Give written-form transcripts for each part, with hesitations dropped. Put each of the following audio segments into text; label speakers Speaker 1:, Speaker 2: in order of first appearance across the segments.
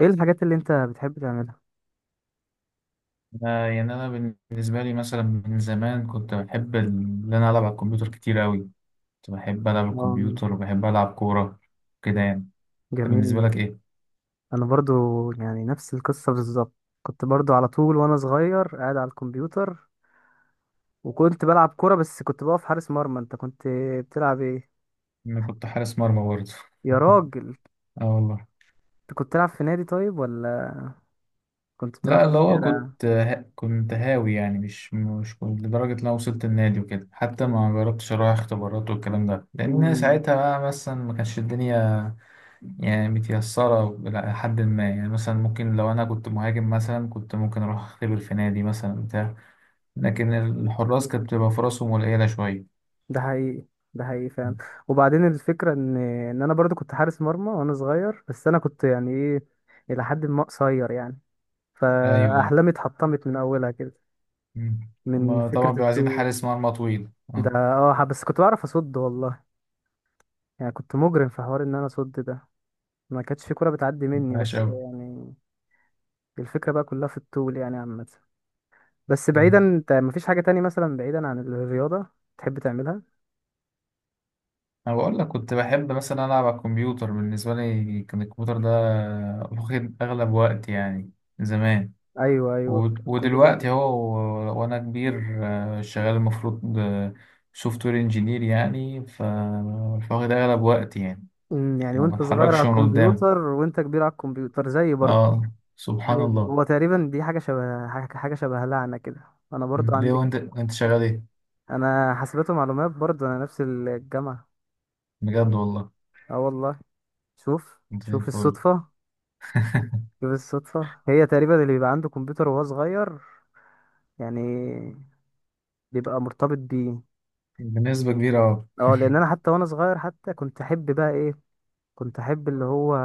Speaker 1: ايه الحاجات اللي انت بتحب تعملها؟
Speaker 2: أنا بالنسبة لي مثلا من زمان كنت بحب إن أنا ألعب على الكمبيوتر كتير أوي. كنت بحب ألعب على
Speaker 1: آه.
Speaker 2: الكمبيوتر وبحب ألعب كورة كده يعني. أنت بالنسبة
Speaker 1: جميل.
Speaker 2: لك إيه؟
Speaker 1: انا برضو، يعني نفس القصة بالظبط. كنت برضو على طول وانا صغير قاعد على الكمبيوتر، وكنت بلعب كرة بس كنت بقف حارس مرمى. انت كنت بتلعب ايه؟
Speaker 2: أنا كنت حارس مرمى برضه.
Speaker 1: يا راجل.
Speaker 2: آه والله.
Speaker 1: انت كنت بتلعب في نادي طيب ولا كنت بتلعب
Speaker 2: لا،
Speaker 1: في
Speaker 2: اللي هو
Speaker 1: الشارع؟
Speaker 2: كنت هاوي، يعني مش كنت لدرجة إن أنا وصلت النادي وكده، حتى ما جربتش أروح اختبارات والكلام ده، لأن
Speaker 1: امم.
Speaker 2: ساعتها بقى مثلا ما كانش الدنيا يعني متيسرة إلى حد ما. يعني مثلا ممكن لو أنا كنت مهاجم مثلا كنت ممكن أروح أختبر في نادي مثلا، لكن الحراس كانت بتبقى فرصهم قليلة شوية.
Speaker 1: ده حقيقي. ده حقيقي فعلا. وبعدين الفكرة ان انا برضو كنت حارس مرمى وانا صغير، بس انا كنت يعني ايه، الى حد ما قصير يعني،
Speaker 2: أيوه.
Speaker 1: فاحلامي اتحطمت من اولها كده،
Speaker 2: مم.
Speaker 1: من
Speaker 2: هما طبعا
Speaker 1: فكرة
Speaker 2: بيبقوا عايزين
Speaker 1: التوت
Speaker 2: حارس مرمى طويل، اه.
Speaker 1: ده. بس كنت بعرف اصد والله، يعني كنت مجرم في حوار ان انا اصد ده، ما كانتش في كرة بتعدي مني
Speaker 2: ماشي
Speaker 1: بس
Speaker 2: أوي.
Speaker 1: يعني الفكرة بقى كلها في الطول يعني عامة. بس
Speaker 2: مم.
Speaker 1: بعيدا، انت مفيش حاجة تاني مثلا بعيدا عن الرياضة تحب تعملها؟
Speaker 2: أنا بقول لك كنت بحب مثلا ألعب على الكمبيوتر، بالنسبة لي كان الكمبيوتر ده واخد أغلب وقت يعني، زمان.
Speaker 1: ايوه، ايوه، الكمبيوتر
Speaker 2: ودلوقتي هو وأنا كبير، آه، شغال المفروض سوفت وير انجينير، يعني فواخد أغلب وقت يعني.
Speaker 1: يعني
Speaker 2: ما
Speaker 1: وانت صغير على
Speaker 2: بتحركش من قدامه،
Speaker 1: الكمبيوتر وانت كبير على الكمبيوتر زي برضه،
Speaker 2: اه سبحان
Speaker 1: زي
Speaker 2: الله.
Speaker 1: هو تقريبا. دي حاجة شبه حاجة حاجة شبه لعنة كده. انا
Speaker 2: مم.
Speaker 1: برضو
Speaker 2: ليه؟
Speaker 1: عندك،
Speaker 2: وأنت شغال إيه؟
Speaker 1: انا حاسبات ومعلومات برضو، انا نفس الجامعة.
Speaker 2: بجد والله.
Speaker 1: اه والله. شوف
Speaker 2: انت زي
Speaker 1: شوف
Speaker 2: الفل.
Speaker 1: الصدفة. شوف الصدفة، هي تقريبا اللي بيبقى عنده كمبيوتر وهو صغير يعني بيبقى مرتبط بيه.
Speaker 2: بنسبة كبيرة أوي.
Speaker 1: اه، لان انا حتى وانا صغير حتى كنت احب بقى ايه، كنت احب اللي هو،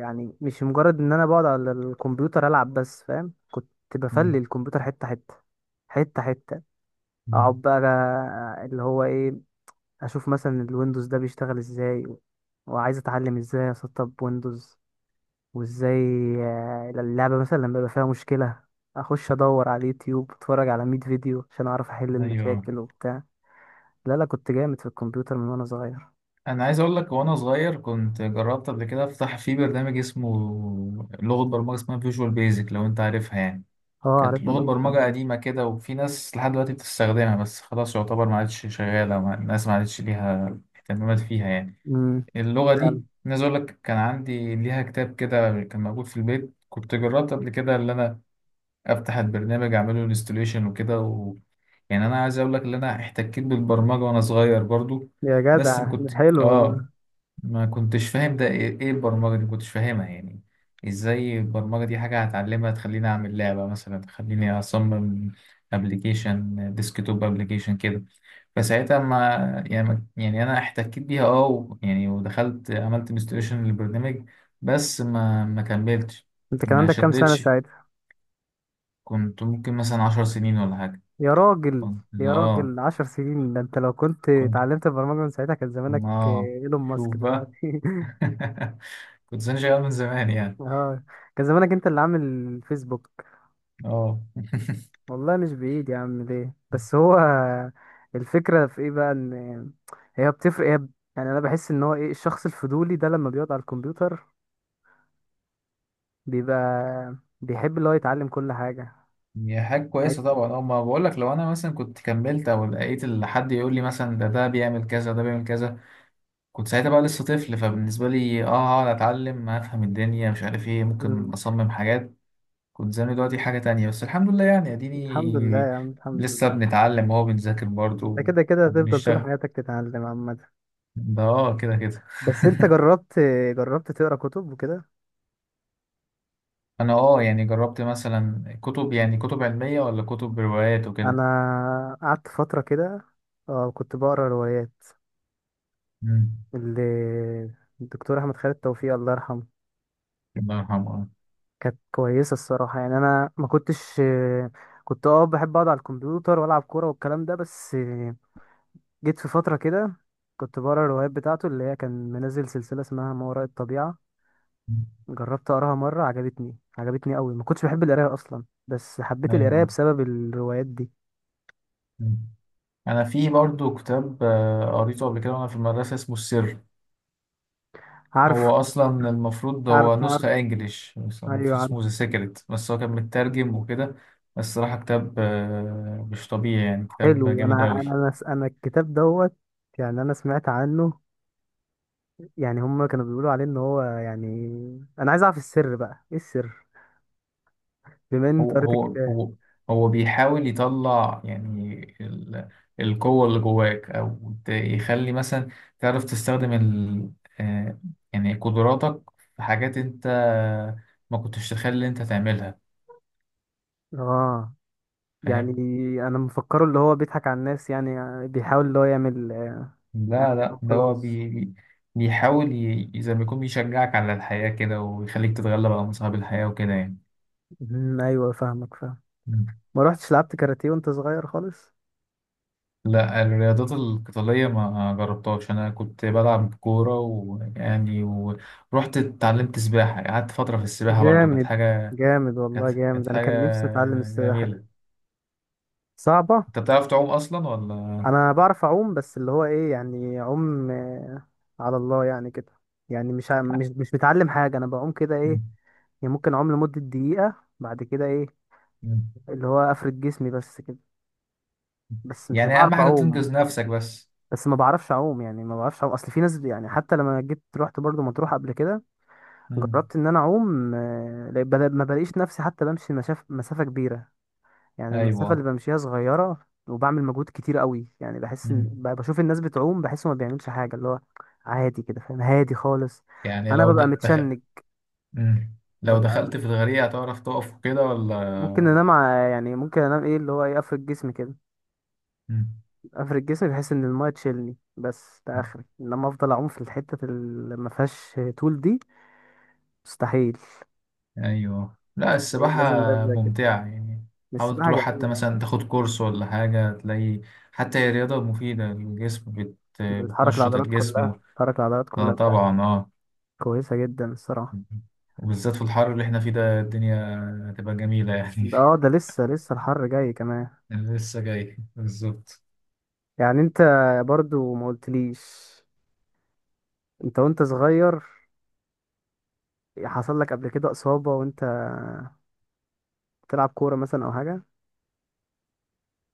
Speaker 1: يعني مش مجرد ان انا بقعد على الكمبيوتر العب بس، فاهم، كنت
Speaker 2: مم.
Speaker 1: بفلي الكمبيوتر حتة حتة، حتة حتة.
Speaker 2: مم.
Speaker 1: اقعد بقى، اللي هو ايه، اشوف مثلا الويندوز ده بيشتغل ازاي، وعايز اتعلم ازاي اسطب ويندوز وازاي. اللعبة مثلا لما يبقى فيها مشكلة، اخش ادور على اليوتيوب، اتفرج على 100 فيديو عشان اعرف احل
Speaker 2: أيوه.
Speaker 1: المشاكل وبتاع. لا، لا، كنت جامد في الكمبيوتر من وانا صغير.
Speaker 2: أنا عايز أقول لك وأنا صغير كنت جربت قبل كده أفتح في برنامج اسمه لغة برمجة، اسمها فيجوال بيزك، لو أنت عارفها يعني.
Speaker 1: اه
Speaker 2: كانت
Speaker 1: عارفها
Speaker 2: لغة
Speaker 1: طبعا.
Speaker 2: برمجة قديمة كده، وفي ناس لحد دلوقتي بتستخدمها، بس خلاص يعتبر ما عادش شغالة، الناس ما عادش ليها اهتمامات فيها يعني،
Speaker 1: امم.
Speaker 2: اللغة دي.
Speaker 1: فعلا.
Speaker 2: أنا عايز أقول لك كان عندي ليها كتاب كده، كان موجود في البيت، كنت جربت قبل كده اللي أنا أفتح البرنامج أعمله انستوليشن وكده. يعني انا عايز اقول لك ان انا احتكيت بالبرمجه وانا صغير برضو.
Speaker 1: يا
Speaker 2: بس
Speaker 1: جدع حلو
Speaker 2: اه
Speaker 1: والله.
Speaker 2: ما كنتش فاهم ده إيه البرمجه دي، ما كنتش فاهمها يعني. ازاي البرمجه دي حاجه هتعلمها تخليني اعمل لعبه مثلا، تخليني اصمم ابلكيشن، ديسكتوب ابلكيشن كده. فساعتها يعني انا احتكيت بيها يعني ودخلت عملت انستليشن للبرنامج، بس ما كملتش،
Speaker 1: انت كان
Speaker 2: ما
Speaker 1: عندك كام سنة
Speaker 2: شدتش.
Speaker 1: ساعتها؟
Speaker 2: كنت ممكن مثلا 10 سنين ولا حاجه.
Speaker 1: يا راجل.
Speaker 2: كنت
Speaker 1: يا
Speaker 2: اه
Speaker 1: راجل، 10 سنين، ده انت لو كنت اتعلمت البرمجة من ساعتها كان زمانك
Speaker 2: اه
Speaker 1: ايلون ماسك
Speaker 2: شوف بقى.
Speaker 1: دلوقتي.
Speaker 2: كنت سنجي من زمان يعني،
Speaker 1: اه، كان زمانك انت اللي عامل فيسبوك.
Speaker 2: اه.
Speaker 1: والله مش بعيد يا عم. ليه بس هو، الفكرة في ايه بقى؟ ان هي بتفرق يعني انا بحس ان هو ايه الشخص الفضولي ده، لما بيقعد على الكمبيوتر بيبقى بيحب اللي هو يتعلم كل حاجة.
Speaker 2: هي حاجة كويسة
Speaker 1: عايز.
Speaker 2: طبعا، اه. ما بقول لك لو انا مثلا كنت كملت او لقيت حد يقول لي مثلا ده بيعمل كذا، ده بيعمل كذا. كنت ساعتها بقى لسه طفل، فبالنسبة لي اه هقعد اتعلم، هفهم الدنيا مش عارف ايه، ممكن
Speaker 1: مم.
Speaker 2: اصمم حاجات. كنت زمان دلوقتي حاجة تانية، بس الحمد لله يعني،
Speaker 1: الحمد لله
Speaker 2: اديني
Speaker 1: يا عم، الحمد
Speaker 2: لسه
Speaker 1: لله.
Speaker 2: بنتعلم اهو، بنذاكر
Speaker 1: انت
Speaker 2: برضه،
Speaker 1: كده كده هتفضل طول
Speaker 2: وبنشتغل.
Speaker 1: حياتك تتعلم عامة.
Speaker 2: ده اه كده كده.
Speaker 1: بس انت جربت تقرا كتب وكده؟
Speaker 2: انا، اه، يعني جربت مثلا كتب، يعني كتب علمية ولا كتب روايات وكده.
Speaker 1: انا قعدت فترة كده، اه كنت بقرا روايات
Speaker 2: مم.
Speaker 1: اللي الدكتور احمد خالد توفيق، الله يرحمه.
Speaker 2: الله يرحمه. آه.
Speaker 1: كانت كويسة الصراحة. يعني أنا ما كنتش، كنت بحب أقعد على الكمبيوتر وألعب كورة والكلام ده بس. جيت في فترة كده كنت بقرا الروايات بتاعته، اللي هي كان منزل سلسلة اسمها ما وراء الطبيعة.
Speaker 2: مم.
Speaker 1: جربت أقراها مرة، عجبتني عجبتني أوي. ما كنتش بحب القراية أصلا، بس حبيت القراية
Speaker 2: ايوه.
Speaker 1: بسبب الروايات دي.
Speaker 2: مم. انا في برضو كتاب، آه، قريته قبل كده وانا في المدرسة، اسمه السر.
Speaker 1: عارف.
Speaker 2: هو اصلا المفروض هو
Speaker 1: عارف
Speaker 2: نسخة
Speaker 1: عارف.
Speaker 2: انجليش، بس هو
Speaker 1: أيوه
Speaker 2: المفروض
Speaker 1: عارف.
Speaker 2: اسمه ذا سيكريت، بس هو كان مترجم وكده. بس صراحة كتاب، آه، مش طبيعي يعني، كتاب
Speaker 1: حلو. أنا
Speaker 2: جامد
Speaker 1: أنا
Speaker 2: اوي.
Speaker 1: أنا أنا الكتاب دوت، يعني أنا سمعت عنه، يعني هما كانوا بيقولوا عليه إن هو يعني. أنا عايز أعرف السر بقى، إيه السر؟ بما ان انت
Speaker 2: هو
Speaker 1: قريت
Speaker 2: هو
Speaker 1: الكتاب.
Speaker 2: هو هو بيحاول يطلع يعني القوة اللي جواك، أو يخلي مثلا تعرف تستخدم ال آه، يعني قدراتك، في حاجات أنت ما كنتش تخلي أنت تعملها.
Speaker 1: اه. يعني
Speaker 2: فاهم؟
Speaker 1: انا مفكره اللي هو بيضحك على الناس يعني، بيحاول اللي هو يعمل يعني،
Speaker 2: لا، لا، ده هو
Speaker 1: خلاص.
Speaker 2: بيحاول زي ما يكون بيشجعك على الحياة كده، ويخليك تتغلب على مصاعب الحياة وكده
Speaker 1: مم، ايوه فاهمك فاهم.
Speaker 2: يعني.
Speaker 1: ما روحتش لعبت كاراتيه وانت صغير خالص؟
Speaker 2: لا، الرياضات القتالية ما جربتهاش، أنا كنت بلعب كورة ويعني، ورحت اتعلمت سباحة، قعدت فترة في السباحة برضو، كانت
Speaker 1: جامد.
Speaker 2: حاجة،
Speaker 1: جامد والله،
Speaker 2: كانت
Speaker 1: جامد.
Speaker 2: كانت
Speaker 1: انا
Speaker 2: حاجة
Speaker 1: كان نفسي اتعلم السباحه دي.
Speaker 2: جميلة.
Speaker 1: صعبه.
Speaker 2: أنت بتعرف تعوم أصلا ولا؟
Speaker 1: انا بعرف اعوم بس اللي هو ايه، يعني اعوم على الله يعني كده. يعني مش ع- مش مش متعلم حاجه، انا بعوم كده ايه،
Speaker 2: مم.
Speaker 1: يعني ممكن اعوم لمده دقيقه، بعد كده ايه
Speaker 2: مم.
Speaker 1: اللي هو افرد جسمي بس. بس مش
Speaker 2: يعني أهم
Speaker 1: بعرف
Speaker 2: حاجة
Speaker 1: اعوم.
Speaker 2: تنقذ نفسك بس.
Speaker 1: بس ما بعرفش اعوم، يعني ما بعرفش اعوم. اصل في ناس يعني، حتى لما جيت رحت برضو مطروح قبل كده،
Speaker 2: مم.
Speaker 1: جربت ان انا اعوم ما بلاقيش نفسي حتى بمشي مسافة كبيرة. يعني المسافة اللي
Speaker 2: أيوة.
Speaker 1: بمشيها صغيرة وبعمل مجهود كتير قوي. يعني بحس ان
Speaker 2: مم.
Speaker 1: بشوف الناس بتعوم بحس ما بيعملش حاجة اللي هو عادي كده، فاهم، هادي خالص.
Speaker 2: يعني
Speaker 1: انا
Speaker 2: لو
Speaker 1: ببقى
Speaker 2: دخل.
Speaker 1: متشنج،
Speaker 2: مم. لو
Speaker 1: ببقى،
Speaker 2: دخلت في الغريق هتعرف تقف وكده ولا؟
Speaker 1: ممكن انام يعني ممكن انام ايه اللي هو يقفل جسمي كده،
Speaker 2: مم.
Speaker 1: افرد جسمي بحيث ان المايه تشيلني، بس ده اخري. انما افضل اعوم في الحته اللي ما فيهاش طول دي، مستحيل.
Speaker 2: ايوه، لا
Speaker 1: هي
Speaker 2: السباحة
Speaker 1: لازم لازم زي كده.
Speaker 2: ممتعة يعني. حاول
Speaker 1: السباحه
Speaker 2: تروح حتى
Speaker 1: جميله.
Speaker 2: مثلا تاخد كورس ولا حاجة، تلاقي حتى هي رياضة مفيدة للجسم،
Speaker 1: بتحرك
Speaker 2: بتنشط
Speaker 1: العضلات
Speaker 2: الجسم.
Speaker 1: كلها بتحرك العضلات
Speaker 2: آه،
Speaker 1: كلها بتاع.
Speaker 2: طبعا اه.
Speaker 1: كويسه جدا الصراحه.
Speaker 2: وبالذات في الحر اللي احنا فيه ده، الدنيا هتبقى جميلة يعني.
Speaker 1: ده لسه لسه الحر جاي كمان.
Speaker 2: أنا لسه جاي بالظبط.
Speaker 1: يعني انت برضو ما قلتليش، انت وانت صغير حصل لك قبل كده اصابه وانت بتلعب كوره مثلا او حاجه؟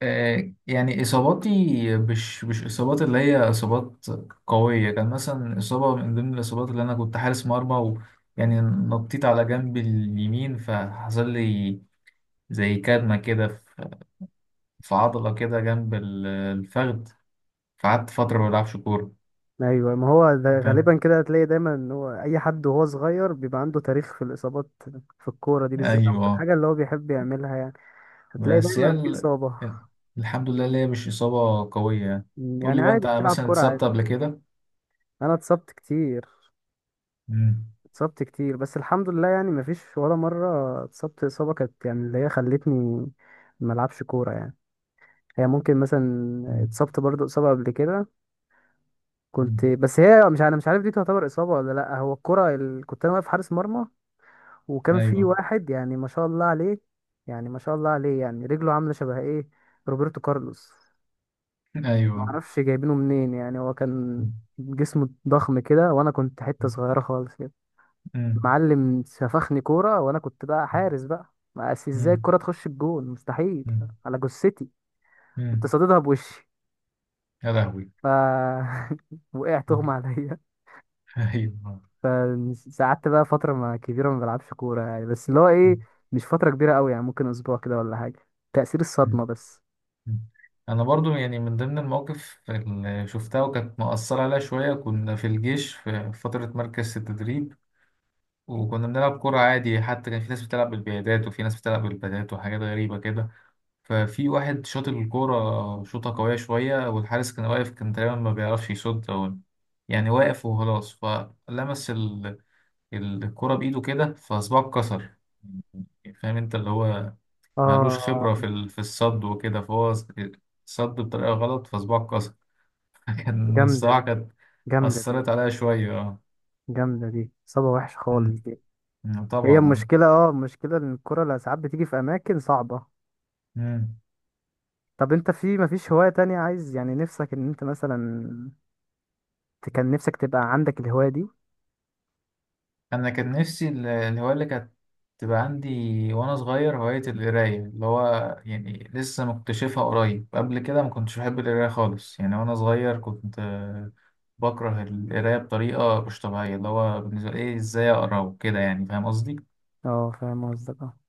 Speaker 2: آه، يعني إصاباتي مش إصابات اللي هي إصابات قوية. كان مثلا إصابة من ضمن الإصابات، اللي أنا كنت حارس مرمى ويعني نطيت على جنب اليمين، فحصل لي زي كدمة كده في عضلة كده جنب الفخذ. فقعدت فترة ما بلعبش كورة.
Speaker 1: ايوه، ما هو ده
Speaker 2: فاهم.
Speaker 1: غالبا كده، هتلاقي دايما ان هو اي حد وهو صغير بيبقى عنده تاريخ في الاصابات في الكوره دي بالذات، او في
Speaker 2: أيوه.
Speaker 1: الحاجه اللي هو بيحب يعملها يعني، هتلاقي
Speaker 2: بس هي
Speaker 1: دايما في اصابه.
Speaker 2: الحمد لله اللي هي مش إصابة قوية يعني. قول
Speaker 1: يعني
Speaker 2: لي بقى،
Speaker 1: عادي
Speaker 2: أنت
Speaker 1: بتلعب
Speaker 2: مثلا
Speaker 1: كوره
Speaker 2: اتصبت
Speaker 1: عادي.
Speaker 2: قبل كده؟
Speaker 1: انا اتصبت كتير.
Speaker 2: مم.
Speaker 1: اتصبت كتير بس الحمد لله، يعني مفيش ولا مره اتصبت اصابه كانت يعني اللي هي خلتني ما العبش كوره يعني. هي ممكن مثلا
Speaker 2: مم.
Speaker 1: اتصبت برضو اصابه قبل كده
Speaker 2: مم.
Speaker 1: كنت، بس هي مش، انا مش عارف دي تعتبر اصابه ولا لا. هو الكوره كنت انا واقف حارس مرمى، وكان في
Speaker 2: أيوه.
Speaker 1: واحد يعني ما شاء الله عليه، يعني ما شاء الله عليه، يعني رجله عامله شبه ايه، روبرتو كارلوس، ما
Speaker 2: أيوه.
Speaker 1: اعرفش جايبينه منين، يعني هو
Speaker 2: مم.
Speaker 1: كان جسمه ضخم كده وانا كنت حته صغيره خالص كده.
Speaker 2: مم.
Speaker 1: معلم سفخني كوره وانا كنت بقى حارس بقى، ما أس- ازاي
Speaker 2: مم.
Speaker 1: الكوره تخش الجون، مستحيل،
Speaker 2: مم.
Speaker 1: على جثتي. كنت
Speaker 2: مم.
Speaker 1: صاددها بوشي،
Speaker 2: يا لهوي.
Speaker 1: ف وقعت اغمى عليا.
Speaker 2: أيوه.
Speaker 1: فقعدت بقى فترة ما كبيرة ما بلعبش كورة يعني، بس اللي هو ايه، مش فترة كبيرة قوي، يعني ممكن اسبوع كده ولا حاجة، تأثير الصدمة بس.
Speaker 2: انا برضو يعني، من ضمن المواقف اللي شفتها وكانت مأثرة عليا شوية، كنا في الجيش في فترة مركز التدريب. وكنا بنلعب كرة عادي، حتى كان في ناس بتلعب بالبيادات وفي ناس بتلعب بالبادات وحاجات غريبة كده. ففي واحد شاط الكورة شوطة قوية شوية، والحارس كان واقف كان تقريبا ما بيعرفش يصد، أو يعني واقف وخلاص، فلمس الكرة بإيده كده، فصباعه اتكسر. فاهم انت؟ اللي هو معلوش
Speaker 1: اه،
Speaker 2: خبرة في في الصد وكده، فهو صد بطريقة غلط، فصباعه اتكسر. كان،
Speaker 1: جامدة
Speaker 2: الصراحة
Speaker 1: دي،
Speaker 2: كانت
Speaker 1: جامدة دي.
Speaker 2: أثرت عليا شوية اه.
Speaker 1: جامدة دي، صدمة وحشة خالص
Speaker 2: مم.
Speaker 1: دي.
Speaker 2: مم،
Speaker 1: هي
Speaker 2: طبعا اه.
Speaker 1: المشكلة ان الكورة اللي ساعات بتيجي في اماكن صعبة.
Speaker 2: مم.
Speaker 1: طب انت، في مفيش هواية تانية عايز يعني نفسك ان انت مثلا كان نفسك تبقى عندك الهواية دي؟
Speaker 2: أنا كان نفسي الهواية اللي كانت تبقى عندي وأنا صغير، هواية القراية، اللي هو يعني لسه مكتشفها قريب، قبل كده ما كنتش بحب القراية خالص يعني. وأنا صغير كنت، آه، بكره القراية بطريقة مش طبيعية، اللي هو بالنسبة لي إيه، إزاي أقرأ وكده يعني. فاهم قصدي؟
Speaker 1: اه فاهم قصدك اه.